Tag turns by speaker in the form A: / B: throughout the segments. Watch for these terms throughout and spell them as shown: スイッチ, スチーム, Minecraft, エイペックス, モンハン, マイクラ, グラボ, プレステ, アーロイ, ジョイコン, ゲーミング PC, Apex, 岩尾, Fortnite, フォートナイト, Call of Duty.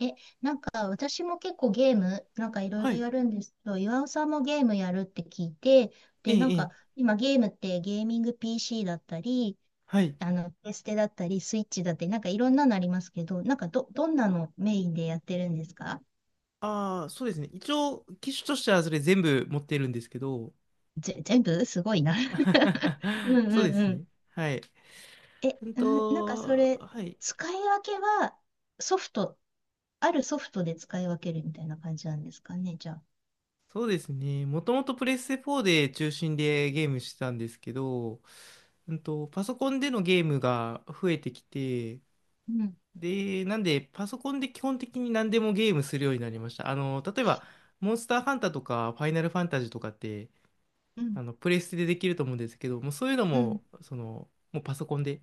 A: え、なんか私も結構ゲーム、なんかいろい
B: は
A: ろ
B: い。
A: やるんですけど、岩尾さんもゲームやるって聞いて、
B: ええ、
A: なん
B: ええ。
A: か今ゲームってゲーミング PC だったり、
B: はい。
A: あの、プレステだったり、スイッチだったり、なんかいろんなのありますけど、どんなのメインでやってるんですか？
B: ああ、そうですね。一応、機種としてはそれ全部持ってるんですけど。
A: 全部 すごいな うん うん
B: そうです
A: うん。
B: ね。はい。
A: なんかそれ、
B: はい。
A: 使い分けはソフト、あるソフトで使い分けるみたいな感じなんですかね、じゃあ。
B: そうですね。もともとプレステ4で中心でゲームしてたんですけど、パソコンでのゲームが増えてきて、
A: うん、
B: で、なんで、パソコンで基本的に何でもゲームするようになりました。あの、例えば、モンスターハンターとか、ファイナルファンタジーとかって、
A: うん、
B: あの、プレステでできると思うんですけど、もうそういうの
A: うん。
B: も、その、もうパソコンで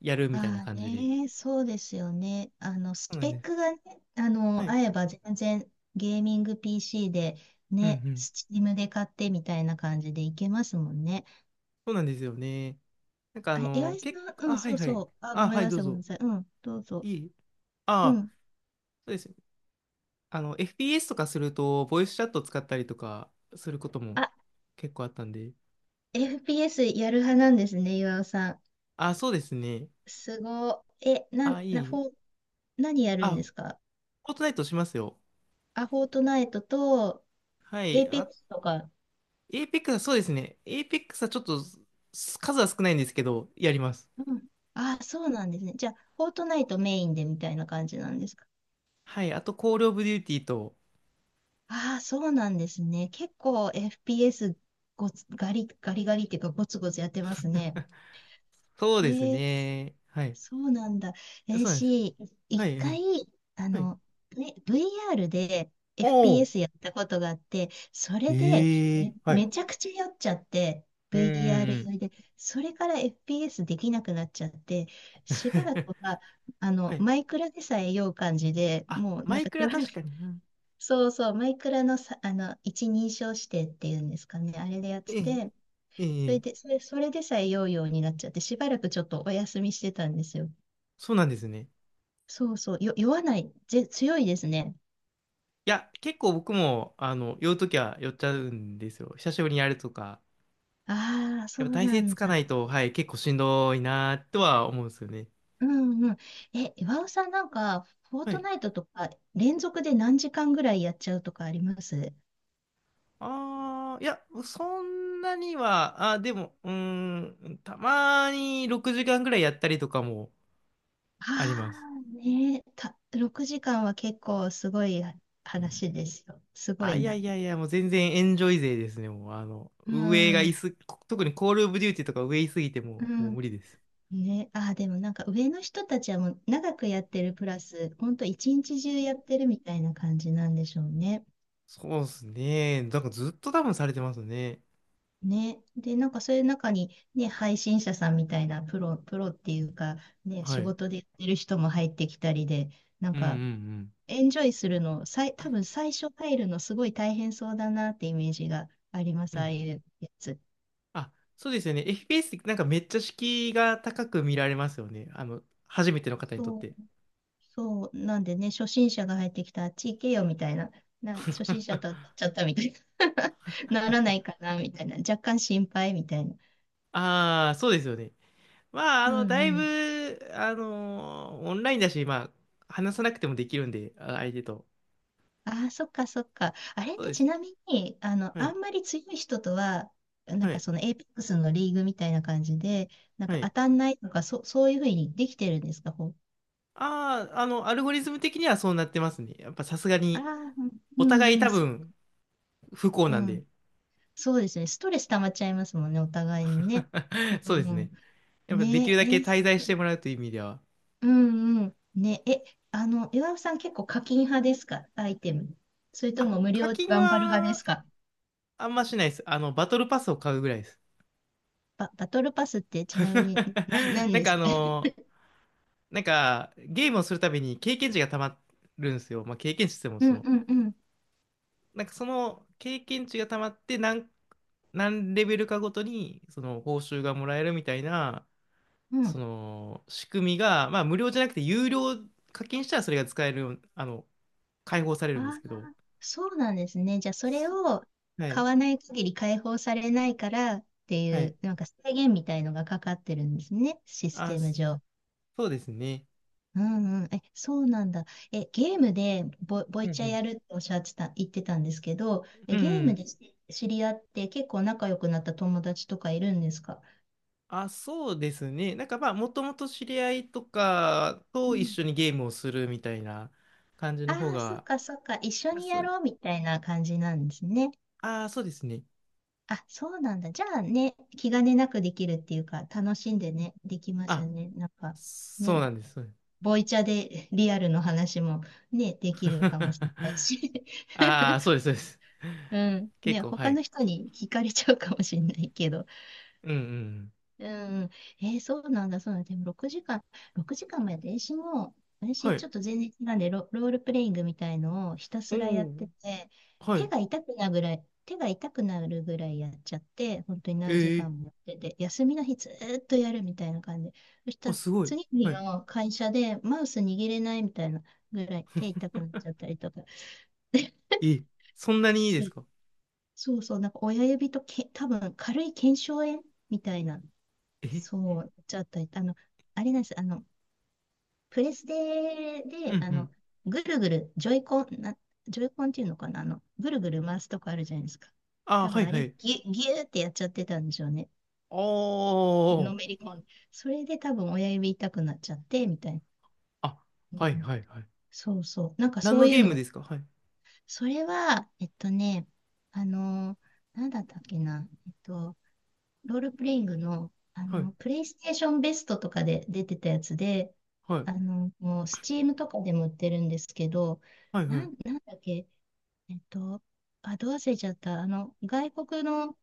B: やるみたいな
A: ああ
B: 感じで。
A: ね、そうですよね。あの、ス
B: そうな
A: ペ
B: んで
A: ック
B: す。
A: がね、あ
B: は
A: の、
B: い。
A: 合えば全然ゲーミング PC で
B: うんう
A: ね、
B: ん。
A: スチームで買ってみたいな感じでいけますもんね。
B: そうなんですよね。なんか
A: あ、岩井さ
B: 結構、
A: ん、うん、
B: あ、は
A: そ
B: い
A: う
B: は
A: そ
B: い。
A: う。あ、ご
B: あ、
A: めん
B: はい、
A: な
B: どう
A: さい、ごめん
B: ぞ。
A: なさい。うん、どうぞ。
B: いい
A: う
B: あ、
A: ん。
B: そうです。あの、FPS とかすると、ボイスチャット使ったりとかすることも
A: あ、
B: 結構あったんで。
A: FPS やる派なんですね、岩尾さん。
B: あ、そうですね。
A: すごい。え、な、
B: あ、
A: な、
B: いい。
A: フォー、何やるん
B: あ、
A: ですか？
B: フォートナイトしますよ。
A: あ、フォートナイトと、
B: は
A: エ
B: い。
A: イペッ
B: あ、
A: クスとか。
B: エイペックスはそうですね。エイペックスはちょっと、数は少ないんですけど、やります。
A: うん。あ、そうなんですね。じゃあ、フォートナイトメインでみたいな感じなんですか？
B: はい。あと、コールオブデューティーと、
A: ああ、そうなんですね。結構 FPS ごつガリ、ガリガリっていうかゴツゴツやってますね。
B: そう
A: え
B: です
A: ー、
B: ね。はい。
A: そうなんだ。えー、
B: そうなんです。
A: し、
B: は
A: 一
B: い。はい。
A: 回、あ
B: はい。
A: の、ね、VR で
B: おお。
A: FPS やったことがあって、それで
B: ええ。は
A: め
B: い。
A: ちゃくちゃ酔っちゃって、
B: うんうんう
A: VR 酔
B: ん。
A: いで、それから FPS できなくなっちゃって、しばらく は、あ
B: は
A: の、
B: い。
A: マイクラでさえ酔う感じで、
B: あ、
A: もうな
B: マ
A: ん
B: イ
A: か
B: ク
A: し
B: ラ
A: ばらく
B: 確かにな。
A: そうそう、マイクラのさ、あの、一人称指定っていうんですかね、あれでやっ
B: え
A: て
B: え、
A: て、
B: ええ、
A: それでさえ酔うようになっちゃって、しばらくちょっとお休みしてたんですよ。
B: そうなんですね。
A: 酔わない、強いですね。
B: いや、結構僕も、あの、酔うときは酔っちゃうんですよ。久しぶりにやるとか。
A: ああ、そ
B: やっぱ
A: う
B: 体
A: な
B: 勢つ
A: ん
B: かな
A: だ。
B: いと、はい、結構しんどいなとは思うんですよね。
A: うんうん。え、岩尾さんなんか、フォー
B: は
A: ト
B: い。
A: ナイトとか、連続で何時間ぐらいやっちゃうとかあります？
B: ああ、いや、そんなには、でも、うーん、たまに6時間ぐらいやったりとかも
A: あ
B: あります。
A: あー、6時間は結構すごい話ですよ。すご
B: あ、
A: い
B: いや
A: な。
B: いやいや、もう全然エンジョイ勢ですね、もう、あの、
A: う
B: 上がい
A: ん、
B: す、特にコールオブデューティとか上いすぎて
A: う
B: もう、もう
A: ん。
B: 無理です。
A: ね、ああ、でもなんか上の人たちはもう長くやってるプラス、ほんと一日中やってるみたいな感じなんでしょうね。
B: そうですね。なんかずっと多分されてますね。
A: ね。で、なんかそういう中にね、配信者さんみたいなプロっていうか、ね、
B: は
A: 仕
B: い。
A: 事でやってる人も入ってきたりで、なん
B: うんう
A: か
B: んう
A: エンジョイするの、さい、多分最初入るのすごい大変そうだなってイメージがあります、
B: ん。う
A: ああ
B: ん。
A: いうやつ。
B: あ、そうですよね。FPS ってなんかめっちゃ敷居が高く見られますよね。あの、初めての方にとっ
A: そ
B: て。
A: うそう、なんでね、初心者が入ってきたら、あっち行けよみたいな、初心者と当たっ ちゃったみたいな、ならないかなみたいな、若干心配みたいな。
B: ああ、そうですよね。まあ、
A: うん
B: だ
A: う
B: い
A: ん。
B: ぶ、オンラインだし、まあ、話さなくてもできるんで、相手と。
A: ああ、そっかそっか。あれっ
B: そう
A: て
B: です
A: ち
B: ね。
A: なみに、あの、
B: は
A: あ
B: い。
A: んまり強い人とは、なん
B: は
A: か
B: い。
A: そのエイペックスのリーグみたいな感じで、なん
B: は
A: か当
B: い。
A: たんないとか、そ、そういうふうにできてるんですか、ほう。
B: ああ、あの、アルゴリズム的にはそうなってますね。やっぱさすが
A: あ
B: に、
A: あ、う
B: お互い
A: んう
B: 多
A: ん、そ、
B: 分、不幸
A: う
B: なん
A: ん。
B: で。
A: そうですね。ストレス溜まっちゃいますもんね、お互いにね。う
B: そうで
A: んう
B: す
A: ん。
B: ね。やっぱできる
A: ねえ、
B: だけ
A: えー
B: 滞在してもらうという意味では。
A: うんうん。ね、え、あの、岩尾さん結構課金派ですか？アイテム。それと
B: あ、
A: も無
B: 課
A: 料
B: 金
A: 頑張る派で
B: は、
A: すか？
B: あんましないです。あの、バトルパスを買うぐらいです。
A: バトルパスってちな みに何
B: なん
A: で
B: か
A: すか？
B: なんか、ゲームをするたびに経験値がたまるんですよ。まあ、経験値って言っても、
A: うん
B: その、
A: うんうん。
B: その経験値がたまって何レベルかごとにその報酬がもらえるみたいな
A: う
B: そ
A: ん。
B: の仕組みが、まあ、無料じゃなくて有料課金したらそれが使えるあの解放され
A: あ
B: るんです
A: あ、
B: けど、
A: そうなんですね。じゃあそれ
B: そ
A: を
B: は
A: 買
B: い
A: わない限り解放されないからって
B: は
A: い
B: い。
A: う、なんか制限みたいのがかかってるんですね。システム
B: そ
A: 上。
B: うですね。
A: うんうん。え、そうなんだ。え、ゲームでボ、ボ
B: う
A: イ
B: ん
A: チャ
B: う
A: やるっておっしゃってた、言ってたんですけど、え
B: んう
A: ゲーム
B: ん。
A: で知知り合って結構仲良くなった友達とかいるんですか？
B: あ、そうですね。なんかまあ、もともと知り合いとか
A: う
B: と一
A: ん。
B: 緒にゲームをするみたいな感じ
A: あ
B: の方
A: あ、そっ
B: が、
A: かそっか。一緒
B: あ、
A: に
B: そ
A: や
B: う、
A: ろうみたいな感じなんですね。
B: あ、そうですね。
A: あ、そうなんだ。じゃあね、気兼ねなくできるっていうか、楽しんでね、できますよ
B: あ、
A: ね。なんか、
B: そ
A: ね、
B: うなんです。
A: ボイチャで リアルの話もね、できるかもしれ ないし。
B: ああ、そうです、そうです。
A: うん。
B: 結
A: ね、
B: 構、は
A: 他
B: い。
A: の人に惹かれちゃうかもしれないけど。
B: うんうん。
A: うん。えーそうなんだ、そうなんだ。でも6時間、6時間もやって、
B: は
A: 私ち
B: い。
A: ょっと全然違うんで、ロールプレイングみたいのをひた
B: お
A: すらやっ
B: お、
A: てて、
B: はい。
A: 手が痛くなるぐらいやっちゃって、本当に何時
B: ええ。
A: 間もやってて、休みの日ずーっとやるみたいな感じ。そし
B: あ、
A: たら
B: すごい。
A: 次
B: は
A: の
B: い。
A: 日の会社でマウス握れないみたいなぐらい手痛くなっちゃったりとか。
B: えそんなにいいで
A: そ
B: す
A: う、
B: か？
A: そうそう、なんか親指とけ、多分軽い腱鞘炎みたいな。
B: え
A: そう、ちょっと、あの、あれなんです。あの、プレステ
B: う
A: で、
B: ん
A: あ
B: う
A: の、
B: ん。
A: ぐるぐる、ジョイコン、な、ジョイコンっていうのかな、あの、ぐるぐる回すとこあるじゃないですか。
B: ああ、
A: 多
B: は
A: 分
B: い
A: あ
B: は
A: れ、ぎ
B: い。
A: ゅ、ぎゅーってやっちゃってたんでしょうね。
B: お
A: のめ
B: ー。
A: り込んで。それで多分親指痛くなっちゃって、みたいな。
B: あ、
A: うん
B: は
A: う
B: い
A: ん、
B: はいはい。
A: そうそう。なんか
B: 何
A: そ
B: の
A: ういう
B: ゲームで
A: の。
B: すか？はい。
A: それは、えっとね、あの、なんだったっけな。えっと、ロールプレイングの、あ
B: はい。
A: の、プレイステーションベストとかで出てたやつで、
B: はい。
A: あの、もう、スチームとかでも売ってるんですけど、
B: はいはい。
A: なんだっけ、えっと、あ、どう忘れちゃった。あの、外国の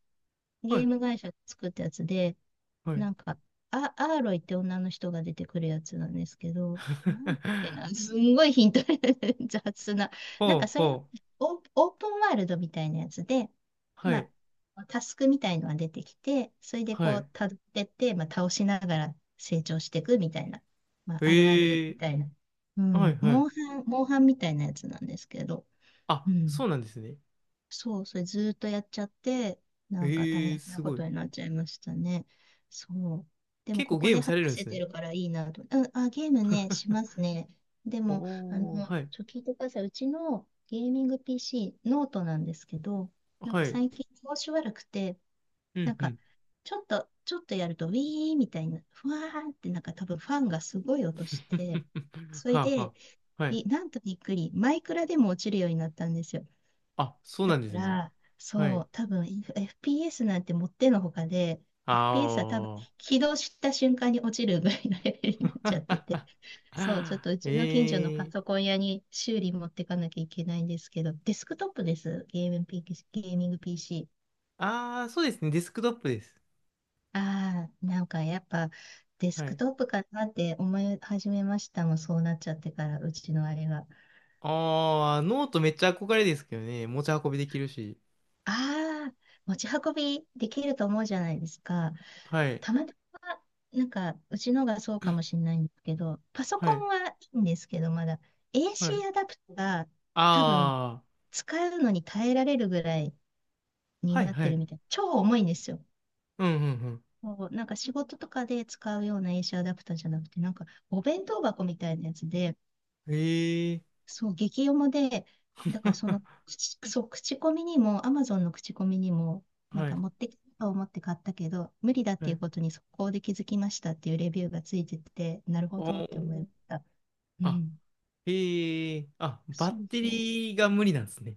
B: は
A: ゲー
B: い。
A: ム会社が作ったやつで、
B: はい。
A: なんか、アーロイって女の人が出てくるやつなんですけど、なんだっけ な、すんごいヒント 雑な。なん
B: ほう
A: かそれ、
B: ほう。
A: オープンワールドみたいなやつで、
B: は
A: ま
B: い。
A: あ、タスクみたいのが出てきて、それで
B: は
A: こう、
B: い。
A: たどってって、まあ、倒しながら成長していくみたいな、まあ、あるある
B: え
A: み
B: え。
A: たいな。う
B: はい
A: ん、
B: はい。
A: モンハンみたいなやつなんですけど、う
B: あ、
A: ん。
B: そうなんですね。
A: そう、それずーっとやっちゃって、なんか大
B: ええ。
A: 変な
B: す
A: こ
B: ご
A: と
B: い。
A: になっちゃいましたね。そう。でも、
B: 結
A: こ
B: 構
A: こ
B: ゲー
A: で
B: ム
A: 話
B: されるんで
A: せ
B: す
A: て
B: ね。
A: るからいいなと。うん、あ、ゲームね、しますね。でも、あの、
B: おー、はい。
A: 聞いてください。うちのゲーミング PC、ノートなんですけど、なん
B: は
A: か
B: い。
A: 最近調子悪くて、
B: う
A: な
B: ん、
A: ん
B: う
A: か、
B: ん。
A: ちょっとやると、ウィーみたいな、ふわーって、なんか多分ファンがすごい音して、それ
B: はあ、は
A: で、
B: あ。はい。
A: びなんとびっくり、マイクラでも落ちるようになったんですよ。
B: あ、そう
A: だ
B: な
A: か
B: んですね。
A: ら、
B: は
A: そ
B: い。
A: う、多分 FPS なんてもってのほかで、FPS は多分
B: ああ。
A: 起動した瞬間に落ちるぐらいのレベルになっちゃってて、そう、ちょっ とうちの近所の
B: え
A: パ
B: え
A: ソ
B: ー。
A: コン屋に修理持ってかなきゃいけないんですけど、デスクトップです、ゲーミング PC。
B: ああ、そうですね。デスクトップです。
A: ああ、なんかやっぱデス
B: は
A: ク
B: い。
A: トップかなって思い始めましたもん、そうなっちゃってから、うちのあれが。
B: ああ、ノートめっちゃ憧れですけどね。持ち運びできるし。
A: ああ、持ち運びできると思うじゃないですか。
B: はい。
A: たまたま、うちのがそうかもしれないんですけど、パソ
B: は
A: コ
B: い。
A: ンはいいんですけど、まだ
B: はい。
A: AC アダプトが多分
B: ああ。
A: 使うのに耐えられるぐらいに
B: はい、
A: なっ
B: は
A: てる
B: い。
A: みたい。超重いんですよ。
B: うん、うん、
A: こうなんか仕事とかで使うような AC アダプターじゃなくて、なんかお弁当箱みたいなやつで、
B: うん。ええー。
A: そう、激読もで、だからそ の、口そう、口コミにも、アマゾンの口コミにも、なん
B: は
A: か
B: い。
A: 持ってきたと思って買ったけど、無理だっ
B: は
A: ていう
B: い。
A: ことに速攻で気づきましたっていうレビューがついてて、なるほ
B: お
A: どって思いま
B: ー。
A: した。う
B: あ、
A: ん。
B: ええー。あ、バッ
A: そう
B: テ
A: そう。
B: リーが無理なんですね。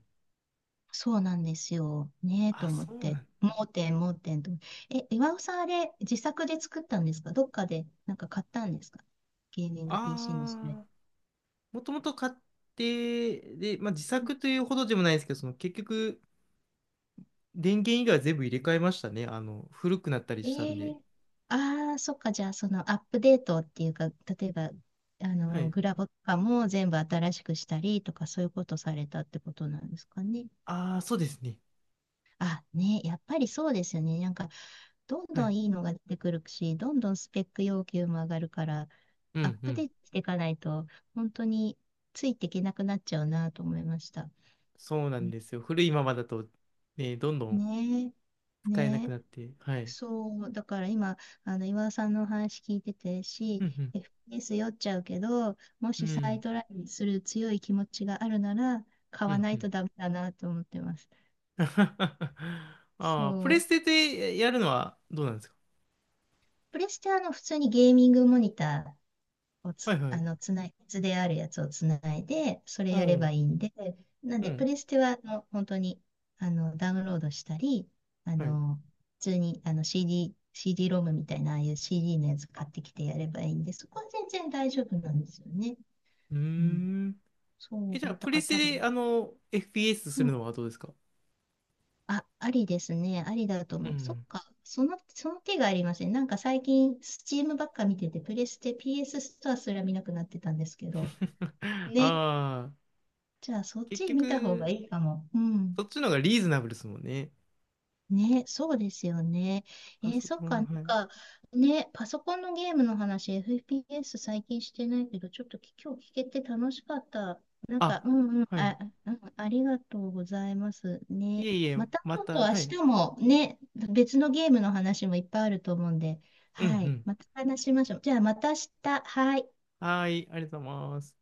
A: そうなんですよ。ねえと
B: あ、
A: 思っ
B: そうな
A: て。
B: ん
A: 盲点と。え、岩尾さんあれ、自作で作ったんですか？どっかでなんか買ったんですか？ゲーミング PC のそれ。
B: ああ、もともと買って、で、まあ、自作というほどでもないですけど、その結局、電源以外は全部入れ替えましたね。あの、古くなったりしたん
A: え
B: で。
A: えああー、そっか。じゃあ、そのアップデートっていうか、例えば、
B: はい。
A: グラボとかも全部新しくしたりとか、そういうことされたってことなんですかね？
B: ああ、そうですね。
A: あ、ね、やっぱりそうですよね。なんか、どん
B: は
A: ど
B: い。
A: んいいのが出てくるし、どんどんスペック要求も上がるから、
B: う
A: アッ
B: んう
A: プデ
B: ん。
A: ートしていかないと、本当についていけなくなっちゃうなと思いました。
B: そうな
A: う
B: ん
A: ん、
B: ですよ。古いままだと、ね、どんどん
A: ねえ、
B: 使えなく
A: ね、
B: なって。はい。
A: そう、だから今、岩尾さんのお話聞いてて
B: うん
A: FPS 酔っちゃうけど、も
B: う
A: し
B: ん。う
A: 再
B: ん。
A: トライする強い気持ちがあるなら、買
B: う
A: わ
B: ん
A: な
B: う
A: い
B: ん。
A: とダメだなと思ってます。
B: ああ、プ
A: そ
B: レステ
A: う。
B: でやるのはどうなんですか？
A: プレステは普通にゲーミングモニタを
B: は
A: つ、
B: いは
A: あ
B: い。
A: の、つない、図であるやつをつないで、それ
B: お
A: やれば
B: う。
A: いいんで、なん
B: う
A: で、プ
B: ん。
A: レステは、本当に、ダウンロードしたり、あ
B: はい。う
A: の、普通に、CD ロムみたいな、ああいう CD のやつ買ってきてやればいいんで、そこは全然大丈夫なんですよね。
B: ー
A: うん。
B: ん。え、
A: そ
B: じゃあ、
A: う、だ
B: プ
A: か
B: レ
A: ら
B: ス
A: 多
B: テで、
A: 分、
B: あの、FPS
A: う
B: する
A: ん。
B: のはどうですか？
A: あ、ありですね。ありだと
B: う
A: 思う。そっ
B: ん。
A: か。その手がありません。なんか最近、スチームばっか見てて、プレステ、PS スストアすら見なくなってたんですけど、ね、
B: ああ、
A: じゃあ、そっ
B: 結
A: ち見た方が
B: 局、
A: いいかも。うん。
B: そっちの方がリーズナブルですもんね。
A: ね、そうですよね。え
B: パ
A: ー、
B: ソ
A: そっ
B: コ
A: か、
B: ン、はい。
A: ね、パソコンのゲームの話、FPS 最近してないけど、ちょっと今日聞けて楽しかった。なんか、
B: あ、
A: うんうん、
B: はい。
A: あ、うん、ありがとうございます。
B: い
A: ね、
B: えいえ、
A: また
B: ま
A: ちょっと
B: た、
A: 明
B: はい。
A: 日もね、別のゲームの話もいっぱいあると思うんで、
B: うん
A: は
B: う
A: い、
B: ん。
A: また話しましょう。じゃあ、また明日、はい。
B: はーい、ありがとうございます。